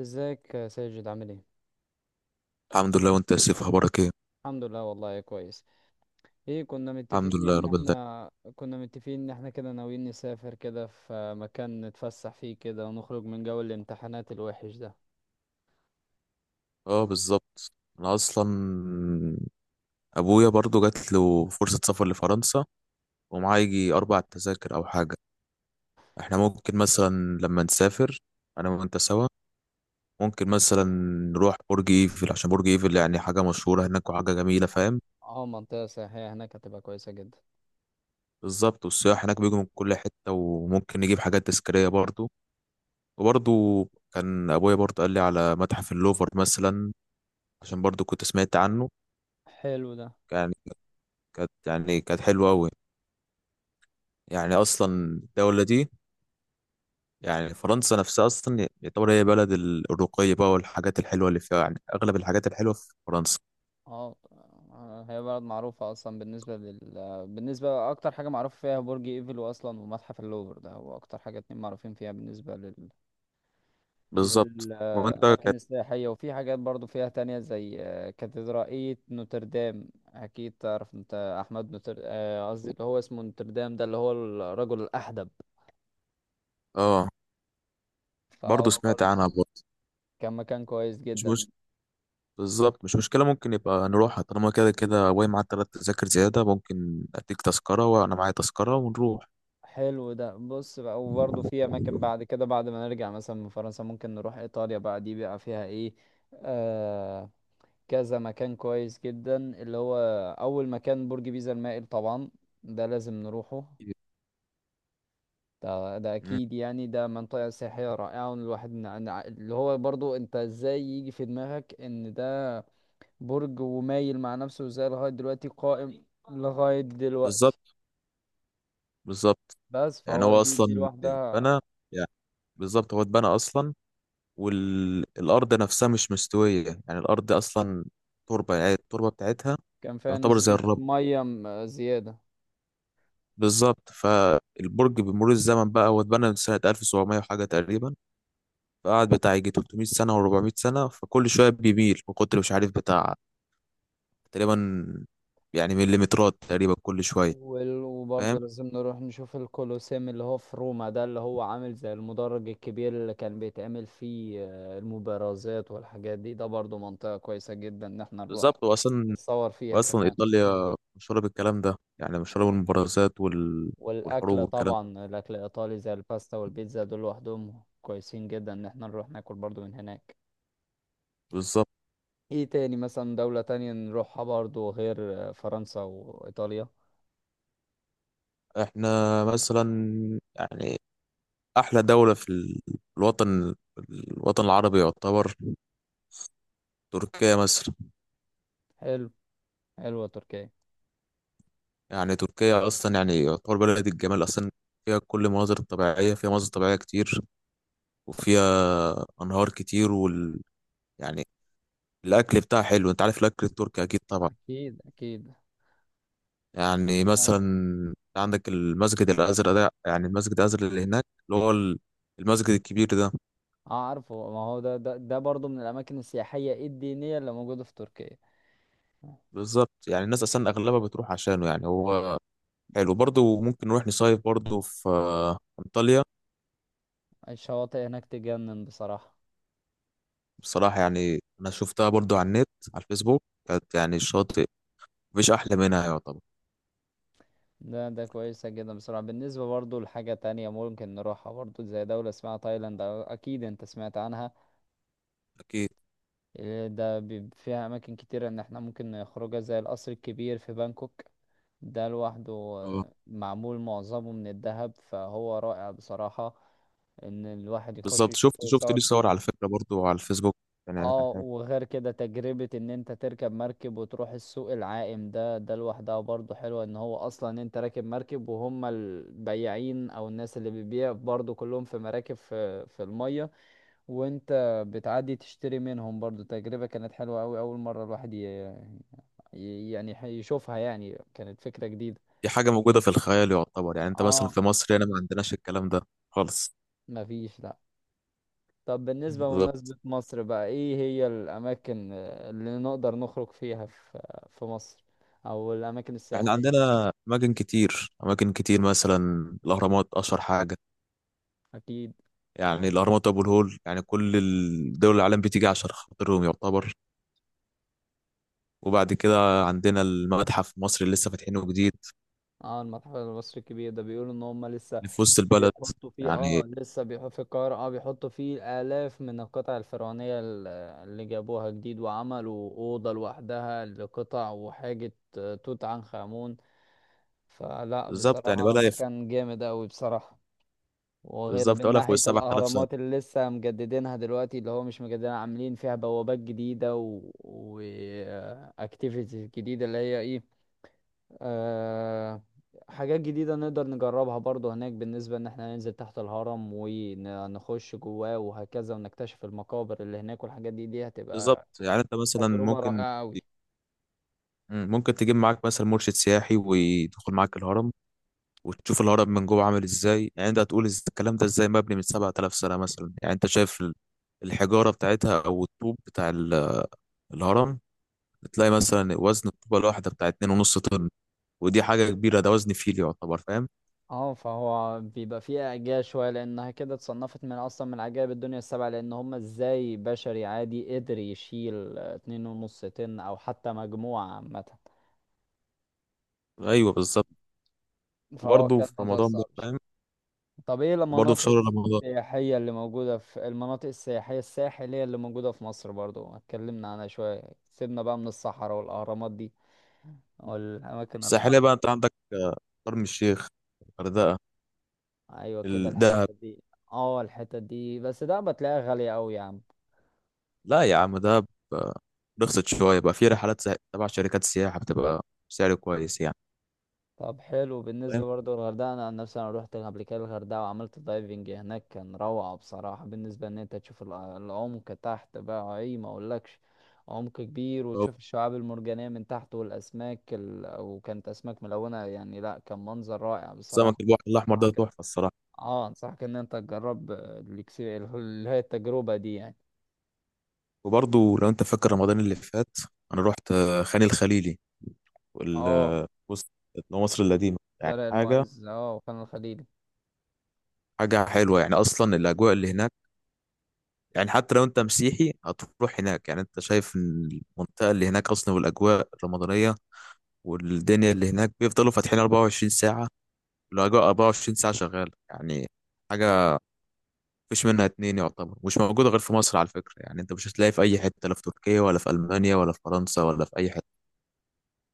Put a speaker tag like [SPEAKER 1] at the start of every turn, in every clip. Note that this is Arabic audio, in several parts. [SPEAKER 1] ازيك يا ساجد، عامل ايه؟
[SPEAKER 2] الحمد لله. وانت يا سيف اخبارك ايه؟
[SPEAKER 1] الحمد لله، والله كويس. ايه، كنا
[SPEAKER 2] الحمد
[SPEAKER 1] متفقين
[SPEAKER 2] لله يا
[SPEAKER 1] ان
[SPEAKER 2] رب العالمين.
[SPEAKER 1] احنا كنا متفقين ان احنا كده ناويين نسافر كده في مكان نتفسح فيه كده، ونخرج من جو الامتحانات الوحش ده.
[SPEAKER 2] اه، بالظبط. انا اصلا ابويا برضو جات له فرصه سفر لفرنسا، ومعاه يجي اربع تذاكر او حاجه. احنا ممكن مثلا لما نسافر انا وانت سوا، ممكن مثلا نروح برج ايفل، عشان برج ايفل يعني حاجه مشهوره هناك وحاجه جميله،
[SPEAKER 1] اه.
[SPEAKER 2] فاهم؟
[SPEAKER 1] منطقة سياحية هناك، هتبقى كويسة جدا.
[SPEAKER 2] بالظبط، والسياح هناك بيجوا من كل حته، وممكن نجيب حاجات تذكاريه برضو. وبرضو كان ابويا برضو قال لي على متحف اللوفر مثلا، عشان برضو كنت سمعت عنه.
[SPEAKER 1] حلو ده.
[SPEAKER 2] يعني كانت حلوة أوي. يعني أصلا الدولة دي، يعني فرنسا نفسها أصلا يعتبر هي بلد الرقي بقى، والحاجات الحلوة اللي فيها، يعني أغلب الحاجات الحلوة في فرنسا.
[SPEAKER 1] اه. هي بلد معروفة اصلا بالنسبة، اكتر حاجة معروف فيها برج ايفل اصلا، ومتحف اللوفر، ده هو اكتر حاجة اتنين معروفين فيها، بالنسبة
[SPEAKER 2] بالظبط وأنت.
[SPEAKER 1] للأماكن
[SPEAKER 2] كانت
[SPEAKER 1] السياحية. وفي حاجات برضو فيها تانية زي كاتدرائية نوتردام، أكيد تعرف أنت. أحمد نوتر، قصدي اللي هو اسمه نوتردام، ده اللي هو الرجل الأحدب.
[SPEAKER 2] آه،
[SPEAKER 1] فهو
[SPEAKER 2] برضه
[SPEAKER 1] برضو
[SPEAKER 2] سمعت عنها برضه.
[SPEAKER 1] كان مكان كويس
[SPEAKER 2] مش
[SPEAKER 1] جدا.
[SPEAKER 2] مش بالظبط، مش مشكلة ممكن يبقى نروحها، طالما كده كده واي معاك تلات تذاكر زيادة، ممكن أديك تذكرة وأنا معايا تذكرة ونروح.
[SPEAKER 1] حلو ده. بص بقى، وبرضو في أماكن بعد كده، بعد ما نرجع مثلا من فرنسا، ممكن نروح إيطاليا بقى. دي بقى فيها إيه؟ آه كذا مكان كويس جدا، اللي هو أول مكان برج بيزا المائل طبعا. ده لازم نروحه. ده
[SPEAKER 2] مم.
[SPEAKER 1] اكيد، يعني ده منطقة سياحية رائعة. والواحد اللي هو برضو، انت ازاي يجي في دماغك ان ده برج، ومايل مع نفسه، وازاي لغاية دلوقتي قائم؟ لغاية دلوقتي.
[SPEAKER 2] بالظبط. بالظبط،
[SPEAKER 1] بس
[SPEAKER 2] يعني
[SPEAKER 1] فهو
[SPEAKER 2] هو
[SPEAKER 1] دي
[SPEAKER 2] أصلا
[SPEAKER 1] لوحدها.
[SPEAKER 2] اتبنى. يعني بالظبط هو اتبنى أصلا، والأرض نفسها مش مستوية، يعني الأرض أصلا تربة، يعني التربة بتاعتها
[SPEAKER 1] كان فيها
[SPEAKER 2] يعتبر زي
[SPEAKER 1] نسبة
[SPEAKER 2] الرب.
[SPEAKER 1] مية زيادة.
[SPEAKER 2] بالظبط، فالبرج بمرور الزمن بقى هو اتبنى من سنة 1700 وحاجة تقريبا، فقعد بتاع يجي 300 سنة و400 سنة، فكل شوية بيميل من كتر مش عارف بتاع، تقريبا يعني مليمترات تقريبا كل شوية. فاهم،
[SPEAKER 1] وبرضه لازم نروح نشوف الكولوسيوم، اللي هو في روما، ده اللي هو عامل زي المدرج الكبير اللي كان بيتعمل فيه المبارزات والحاجات دي. ده برضه منطقة كويسة جدا ان احنا نروح
[SPEAKER 2] بالظبط. وأصلا
[SPEAKER 1] نتصور فيها
[SPEAKER 2] وأصلا
[SPEAKER 1] كمان.
[SPEAKER 2] إيطاليا مشهورة بالكلام ده، يعني مشهورة بالمبارزات والحروب
[SPEAKER 1] والاكل
[SPEAKER 2] والكلام ده.
[SPEAKER 1] طبعا، الاكل الايطالي زي الباستا والبيتزا، دول لوحدهم كويسين جدا ان احنا نروح ناكل برضو من هناك.
[SPEAKER 2] بالظبط.
[SPEAKER 1] ايه تاني مثلا دولة تانية نروحها برضو غير فرنسا وايطاليا؟
[SPEAKER 2] احنا مثلا، يعني احلى دوله في الوطن، الوطن العربي يعتبر، تركيا مثلا.
[SPEAKER 1] حلو. حلوة تركيا.
[SPEAKER 2] يعني تركيا اصلا يعني يعتبر بلد الجمال اصلا، فيها كل المناظر الطبيعيه، فيها مناظر طبيعيه كتير، وفيها انهار كتير وال يعني الاكل بتاعها حلو، انت عارف الاكل التركي اكيد طبعا.
[SPEAKER 1] اكيد، اكيد.
[SPEAKER 2] يعني
[SPEAKER 1] آه.
[SPEAKER 2] مثلا عندك المسجد الازرق ده، يعني المسجد الازرق اللي هناك، اللي هو المسجد الكبير ده.
[SPEAKER 1] اه عارفه، ما هو ده برضو من الاماكن السياحية الدينية اللي موجودة في تركيا.
[SPEAKER 2] بالظبط، يعني الناس اصلا اغلبها بتروح عشانه يعني هو. حلو برضه، ممكن نروح نصيف برضه في انطاليا.
[SPEAKER 1] الشواطئ هناك تجنن بصراحة.
[SPEAKER 2] بصراحة يعني أنا شفتها برضو على النت، على الفيسبوك، كانت يعني الشاطئ مفيش أحلى منها يعتبر.
[SPEAKER 1] ده كويسة جدا بصراحة. بالنسبة برضو لحاجة تانية ممكن نروحها برضو، زي دولة اسمها تايلاند، أكيد أنت سمعت عنها.
[SPEAKER 2] أكيد،
[SPEAKER 1] إيه ده، فيها اماكن كتيرة ان احنا ممكن نخرجها، زي القصر الكبير في بانكوك. ده لوحده،
[SPEAKER 2] أه،
[SPEAKER 1] معمول معظمه من الذهب، فهو رائع بصراحة. ان الواحد يخش
[SPEAKER 2] بالظبط،
[SPEAKER 1] يشوفه
[SPEAKER 2] شفت
[SPEAKER 1] ويصور
[SPEAKER 2] ليه صور
[SPEAKER 1] فيه.
[SPEAKER 2] على فكرة برضو على الفيسبوك، كان يعني كان
[SPEAKER 1] اه.
[SPEAKER 2] حاجة.
[SPEAKER 1] وغير كده، تجربة ان انت تركب مركب وتروح السوق العائم، ده لوحدها برضو حلوة. ان هو اصلا انت راكب مركب، وهم البياعين او الناس اللي بتبيع برضو كلهم في مراكب، في المية، وانت بتعدي تشتري منهم. برضو تجربة كانت حلوة أوي، أول مرة الواحد يشوفها، يعني كانت فكرة جديدة.
[SPEAKER 2] دي حاجة موجودة في الخيال يعتبر، يعني أنت مثلا
[SPEAKER 1] اه.
[SPEAKER 2] في مصر هنا ما عندناش الكلام ده خالص.
[SPEAKER 1] مفيش، لأ. طب بالنسبة
[SPEAKER 2] بالظبط،
[SPEAKER 1] لمناسبة مصر بقى، إيه هي الأماكن اللي نقدر نخرج فيها في مصر، أو الأماكن
[SPEAKER 2] يعني
[SPEAKER 1] السياحية؟
[SPEAKER 2] عندنا أماكن كتير، أماكن كتير مثلا الأهرامات أشهر حاجة.
[SPEAKER 1] أكيد.
[SPEAKER 2] يعني الأهرامات وأبو الهول، يعني كل دول العالم بتيجي عشان خاطرهم يعتبر. وبعد كده عندنا المتحف المصري اللي لسه فاتحينه جديد،
[SPEAKER 1] اه، المتحف المصري الكبير ده بيقولوا إن هما لسه
[SPEAKER 2] اللي في وسط البلد.
[SPEAKER 1] بيحطوا فيه،
[SPEAKER 2] يعني
[SPEAKER 1] لسه بيحطوا في القاهرة، بيحطوا فيه آلاف من القطع الفرعونية، اللي جابوها جديد، وعملوا أوضة لوحدها لقطع وحاجة توت عنخ آمون. فلا
[SPEAKER 2] بالظبط، يعني
[SPEAKER 1] بصراحة مكان جامد أوي بصراحة. وغير
[SPEAKER 2] بالظبط،
[SPEAKER 1] من
[SPEAKER 2] ولا فوق
[SPEAKER 1] ناحية
[SPEAKER 2] السبع آلاف سنة.
[SPEAKER 1] الأهرامات اللي لسه مجددينها دلوقتي، اللي هو مش مجددينها، عاملين فيها بوابات جديدة و activities جديدة، اللي هي ايه، آه، حاجات جديدة نقدر نجربها برضو هناك. بالنسبة ان احنا ننزل تحت الهرم ونخش جواه وهكذا، ونكتشف المقابر اللي هناك والحاجات دي، دي
[SPEAKER 2] بالظبط،
[SPEAKER 1] هتبقى
[SPEAKER 2] يعني أنت مثلا
[SPEAKER 1] تجربة
[SPEAKER 2] ممكن،
[SPEAKER 1] رائعة قوي.
[SPEAKER 2] ممكن تجيب معاك مثلا مرشد سياحي ويدخل معاك الهرم، وتشوف الهرم من جوه عامل إزاي، يعني أنت هتقول الكلام ده إزاي مبني من سبع آلاف سنة مثلا. يعني أنت شايف الحجارة بتاعتها، أو الطوب بتاع الهرم، تلاقي مثلا وزن الطوبة الواحدة بتاع اتنين ونص طن، ودي حاجة كبيرة، ده وزن فيل يعتبر، فاهم؟
[SPEAKER 1] اه، فهو بيبقى فيها اعجاز شوية، لانها كده اتصنفت من، اصلا من عجائب الدنيا السبعة. لان هم ازاي بشري عادي قدر يشيل 2.5 طن، او حتى مجموعة عامة.
[SPEAKER 2] أيوه، بالظبط.
[SPEAKER 1] فهو
[SPEAKER 2] وبرضه
[SPEAKER 1] كان
[SPEAKER 2] في
[SPEAKER 1] موضوع
[SPEAKER 2] رمضان بقى،
[SPEAKER 1] صعب.
[SPEAKER 2] فاهم؟
[SPEAKER 1] طب ايه
[SPEAKER 2] وبرضه في
[SPEAKER 1] المناطق
[SPEAKER 2] شهر رمضان.
[SPEAKER 1] السياحية اللي موجودة في، المناطق السياحية الساحلية اللي موجودة في مصر برضو، اتكلمنا عنها شوية. سيبنا بقى من الصحراء والأهرامات دي، والأماكن الحر.
[SPEAKER 2] الساحلية بقى، أنت عندك شرم الشيخ، الغردقة،
[SPEAKER 1] أيوة كده،
[SPEAKER 2] الدهب.
[SPEAKER 1] الحتة دي. اه، الحتة دي، بس ده بتلاقيها غالية أوي يا عم.
[SPEAKER 2] لا يا عم دهب، آه، رخصت شوية بقى، في رحلات تبع شركات السياحة، بتبقى سعر كويس يعني.
[SPEAKER 1] طب حلو. بالنسبة
[SPEAKER 2] فاهم،
[SPEAKER 1] برضه للغردقة، أنا عن نفسي، أنا روحت قبل كده الغردقة، وعملت دايفنج هناك، كان روعة بصراحة. بالنسبة إن أنت تشوف العمق تحت بقى، أي ما أقولكش، عمق كبير،
[SPEAKER 2] أو
[SPEAKER 1] وتشوف الشعاب المرجانية من تحت، والأسماك وكانت أسماك ملونة، يعني لأ، كان منظر رائع
[SPEAKER 2] سمك
[SPEAKER 1] بصراحة.
[SPEAKER 2] البحر الأحمر ده
[SPEAKER 1] أنصحك-
[SPEAKER 2] تحفة الصراحة.
[SPEAKER 1] اه انصحك ان انت تجرب اللي هي التجربة دي يعني.
[SPEAKER 2] وبرضه لو أنت فاكر رمضان اللي فات، أنا رحت خان الخليلي، وال
[SPEAKER 1] اه.
[SPEAKER 2] آه، وسط مصر القديمة، يعني
[SPEAKER 1] شارع
[SPEAKER 2] حاجة،
[SPEAKER 1] المعز، وخان الخليلي.
[SPEAKER 2] حاجة حلوة. يعني أصلا الأجواء اللي هناك، يعني حتى لو أنت مسيحي هتروح هناك، يعني أنت شايف إن المنطقة اللي هناك أصلا، والأجواء الرمضانية والدنيا اللي هناك بيفضلوا فاتحين 24 ساعة، الأجواء 24 ساعة شغالة يعني. حاجة مفيش منها اتنين يعتبر، مش موجودة غير في مصر على فكرة، يعني أنت مش هتلاقي في أي حتة، لا في تركيا ولا في ألمانيا ولا في فرنسا ولا في أي حتة،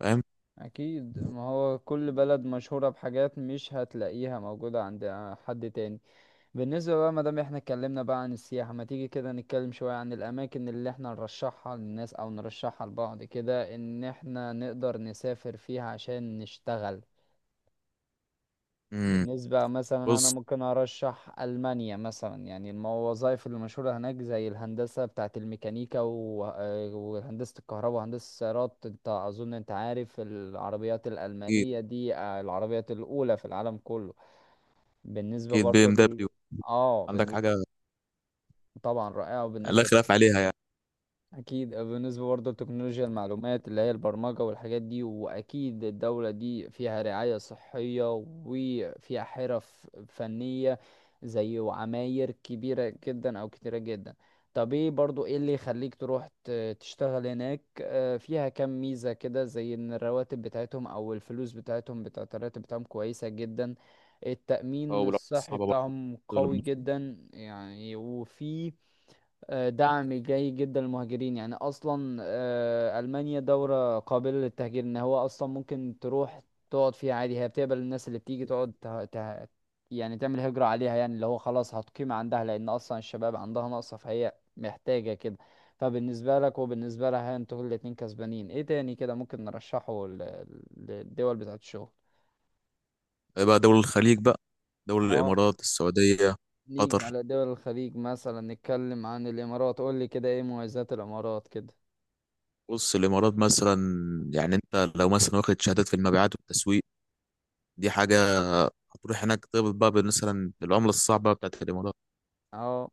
[SPEAKER 2] فاهم؟
[SPEAKER 1] اكيد، ما هو كل بلد مشهورة بحاجات مش هتلاقيها موجودة عند حد تاني. بالنسبة بقى، مادام احنا اتكلمنا بقى عن السياحة، ما تيجي كده نتكلم شوية عن الاماكن اللي احنا نرشحها للناس، او نرشحها لبعض كده، ان احنا نقدر نسافر فيها عشان نشتغل.
[SPEAKER 2] امم
[SPEAKER 1] بالنسبة مثلا، أنا
[SPEAKER 2] بص،
[SPEAKER 1] ممكن أرشح ألمانيا مثلا. يعني الوظائف المشهورة هناك زي الهندسة بتاعة الميكانيكا وهندسة الكهرباء وهندسة السيارات. أنت أظن أنت عارف العربيات
[SPEAKER 2] أكيد.
[SPEAKER 1] الألمانية دي، العربيات الأولى في العالم كله. بالنسبة
[SPEAKER 2] أكيد بي
[SPEAKER 1] برضو
[SPEAKER 2] إم
[SPEAKER 1] ل...
[SPEAKER 2] دبليو،
[SPEAKER 1] آه
[SPEAKER 2] عندك حاجة
[SPEAKER 1] بالنسبة، طبعا رائعة،
[SPEAKER 2] يعني لا
[SPEAKER 1] وبالنسبة.
[SPEAKER 2] خلاف عليها يعني.
[SPEAKER 1] اكيد. بالنسبه برضه لتكنولوجيا المعلومات، اللي هي البرمجه والحاجات دي. واكيد الدوله دي فيها رعايه صحيه، وفيها حرف فنيه، زي وعماير كبيره جدا او كتيره جدا. طب ايه برضه ايه اللي يخليك تروح تشتغل هناك؟ فيها كام ميزه كده، زي ان الرواتب بتاعتهم او الفلوس بتاعتهم بتاعت الراتب بتاعهم كويسه جدا. التأمين
[SPEAKER 2] أو لو
[SPEAKER 1] الصحي
[SPEAKER 2] صعبة برضه
[SPEAKER 1] بتاعهم
[SPEAKER 2] دول
[SPEAKER 1] قوي
[SPEAKER 2] المصري.
[SPEAKER 1] جدا يعني، وفي دعم جيد جدا للمهاجرين. يعني اصلا المانيا دوله قابله للتهجير، ان هو اصلا ممكن تروح تقعد فيها عادي، هي بتقبل الناس اللي بتيجي تقعد يعني تعمل هجره عليها، يعني اللي هو خلاص هتقيم عندها، لان اصلا الشباب عندها ناقصه، فهي محتاجه كده. فبالنسبه لك وبالنسبه لها، انتوا الاتنين كسبانين. ايه تاني كده ممكن نرشحه للدول بتاعت الشغل؟
[SPEAKER 2] بقى دول الخليج بقى، دول
[SPEAKER 1] اه.
[SPEAKER 2] الإمارات، السعودية،
[SPEAKER 1] نيجي
[SPEAKER 2] قطر.
[SPEAKER 1] على دول الخليج مثلا، نتكلم عن الامارات. قول لي كده، ايه مميزات الامارات كده؟
[SPEAKER 2] بص الإمارات مثلا، يعني أنت لو مثلا واخد شهادات في المبيعات والتسويق، دي حاجة، هتروح هناك تقبض بقى مثلا بالعملة الصعبة بتاعت الإمارات.
[SPEAKER 1] اه.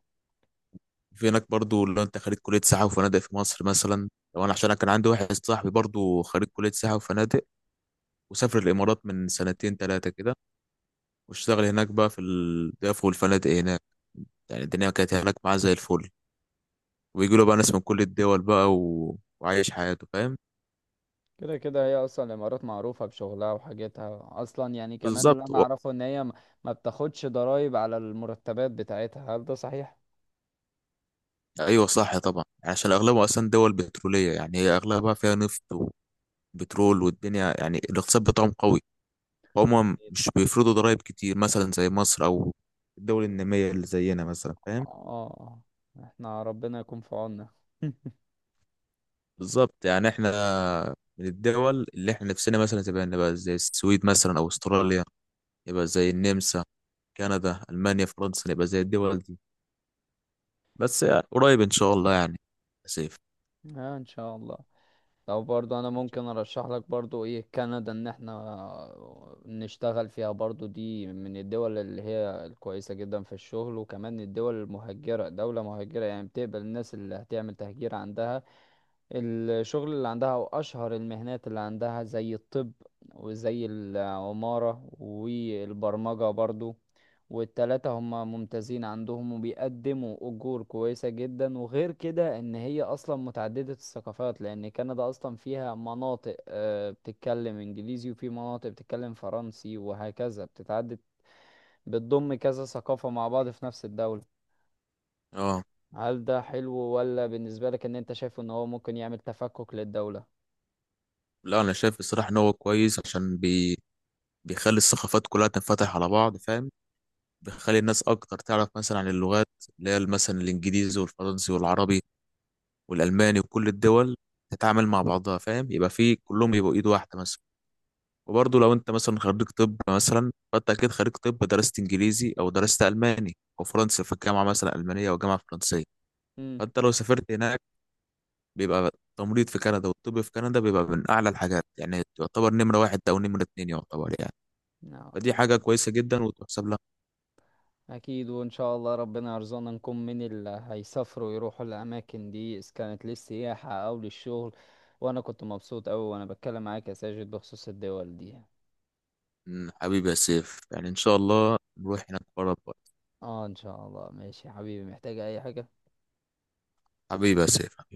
[SPEAKER 2] في هناك برضو، لو انت خريج كلية سياحة وفنادق في مصر مثلا، لو انا عشان انا كان عندي واحد صاحبي برضو خريج كلية سياحة وفنادق، وسافر الامارات من سنتين ثلاثة كده، واشتغل هناك بقى في الضيافة والفنادق هناك، يعني الدنيا كانت هناك معاه زي الفل، ويجي له بقى ناس من كل الدول بقى وعايش حياته، فاهم؟
[SPEAKER 1] كده كده، هي اصلا الامارات معروفه بشغلها وحاجتها اصلا يعني. كمان اللي
[SPEAKER 2] بالظبط
[SPEAKER 1] انا اعرفه ان هي ما بتاخدش ضرائب على المرتبات بتاعتها. هل ده صحيح؟
[SPEAKER 2] ايوه صح طبعا، يعني عشان اغلبها اصلا دول بترولية، يعني هي اغلبها فيها نفط وبترول، والدنيا يعني الاقتصاد بتاعهم قوي، هما مش بيفرضوا ضرائب كتير مثلا زي مصر او الدول النامية اللي زينا مثلا، فاهم؟
[SPEAKER 1] اه، احنا ربنا يكون في عوننا.
[SPEAKER 2] بالظبط، يعني احنا من الدول اللي احنا نفسنا مثلا تبقى نبقى زي السويد مثلا، او استراليا، يبقى زي النمسا، كندا، المانيا، فرنسا، نبقى زي الدول دي. بس يعني قريب ان شاء الله يعني، يا سيف.
[SPEAKER 1] اه، ان شاء الله. لو برضو انا ممكن ارشح لك برضو ايه، كندا ان احنا نشتغل فيها برضو. دي من الدول اللي هي الكويسة جدا في الشغل، وكمان الدول المهجرة، دولة مهجرة يعني بتقبل الناس اللي هتعمل تهجير عندها. الشغل اللي عندها او اشهر المهنات اللي عندها زي الطب، وزي العمارة والبرمجة برضو. والتلاتة هم ممتازين عندهم، وبيقدموا اجور كويسة جدا. وغير كده ان هي اصلا متعددة الثقافات، لان كندا اصلا فيها مناطق بتتكلم انجليزي، وفي مناطق بتتكلم فرنسي، وهكذا بتتعدد، بتضم كذا ثقافة مع بعض في نفس الدولة.
[SPEAKER 2] اه،
[SPEAKER 1] هل ده حلو ولا بالنسبة لك ان انت شايف ان هو ممكن يعمل تفكك للدولة؟
[SPEAKER 2] لا انا شايف الصراحة ان هو كويس، بيخلي الثقافات كلها تنفتح على بعض، فاهم؟ بيخلي الناس اكتر تعرف مثلا عن اللغات، اللي هي مثلا الانجليزي والفرنسي والعربي والالماني، وكل الدول تتعامل مع بعضها، فاهم؟ يبقى في كلهم يبقوا ايد واحده مثلا. وبرضه لو انت مثلا خريج طب مثلا، فانت اكيد خريج طب درست انجليزي او درست الماني او فرنسي في الجامعه مثلا المانيه او جامعه فرنسيه، فانت لو سافرت هناك، بيبقى التمريض في كندا والطب في كندا بيبقى من اعلى الحاجات، يعني يعتبر نمره واحد او نمره اتنين يعتبر يعني.
[SPEAKER 1] نعم،
[SPEAKER 2] فدي حاجه
[SPEAKER 1] أكيد.
[SPEAKER 2] كويسه جدا وتحسب لها.
[SPEAKER 1] أكيد، وإن شاء الله ربنا يرزقنا نكون من اللي هيسافروا يروحوا الأماكن دي، إذا كانت للسياحة أو للشغل. وأنا كنت مبسوط أوي وأنا بتكلم معاك يا ساجد بخصوص الدول دي.
[SPEAKER 2] حبيبي يا سيف، يعني ان شاء الله نروح هناك بره بره.
[SPEAKER 1] اه إن شاء الله. ماشي يا حبيبي، محتاج أي حاجة؟
[SPEAKER 2] حبيبي يا سيف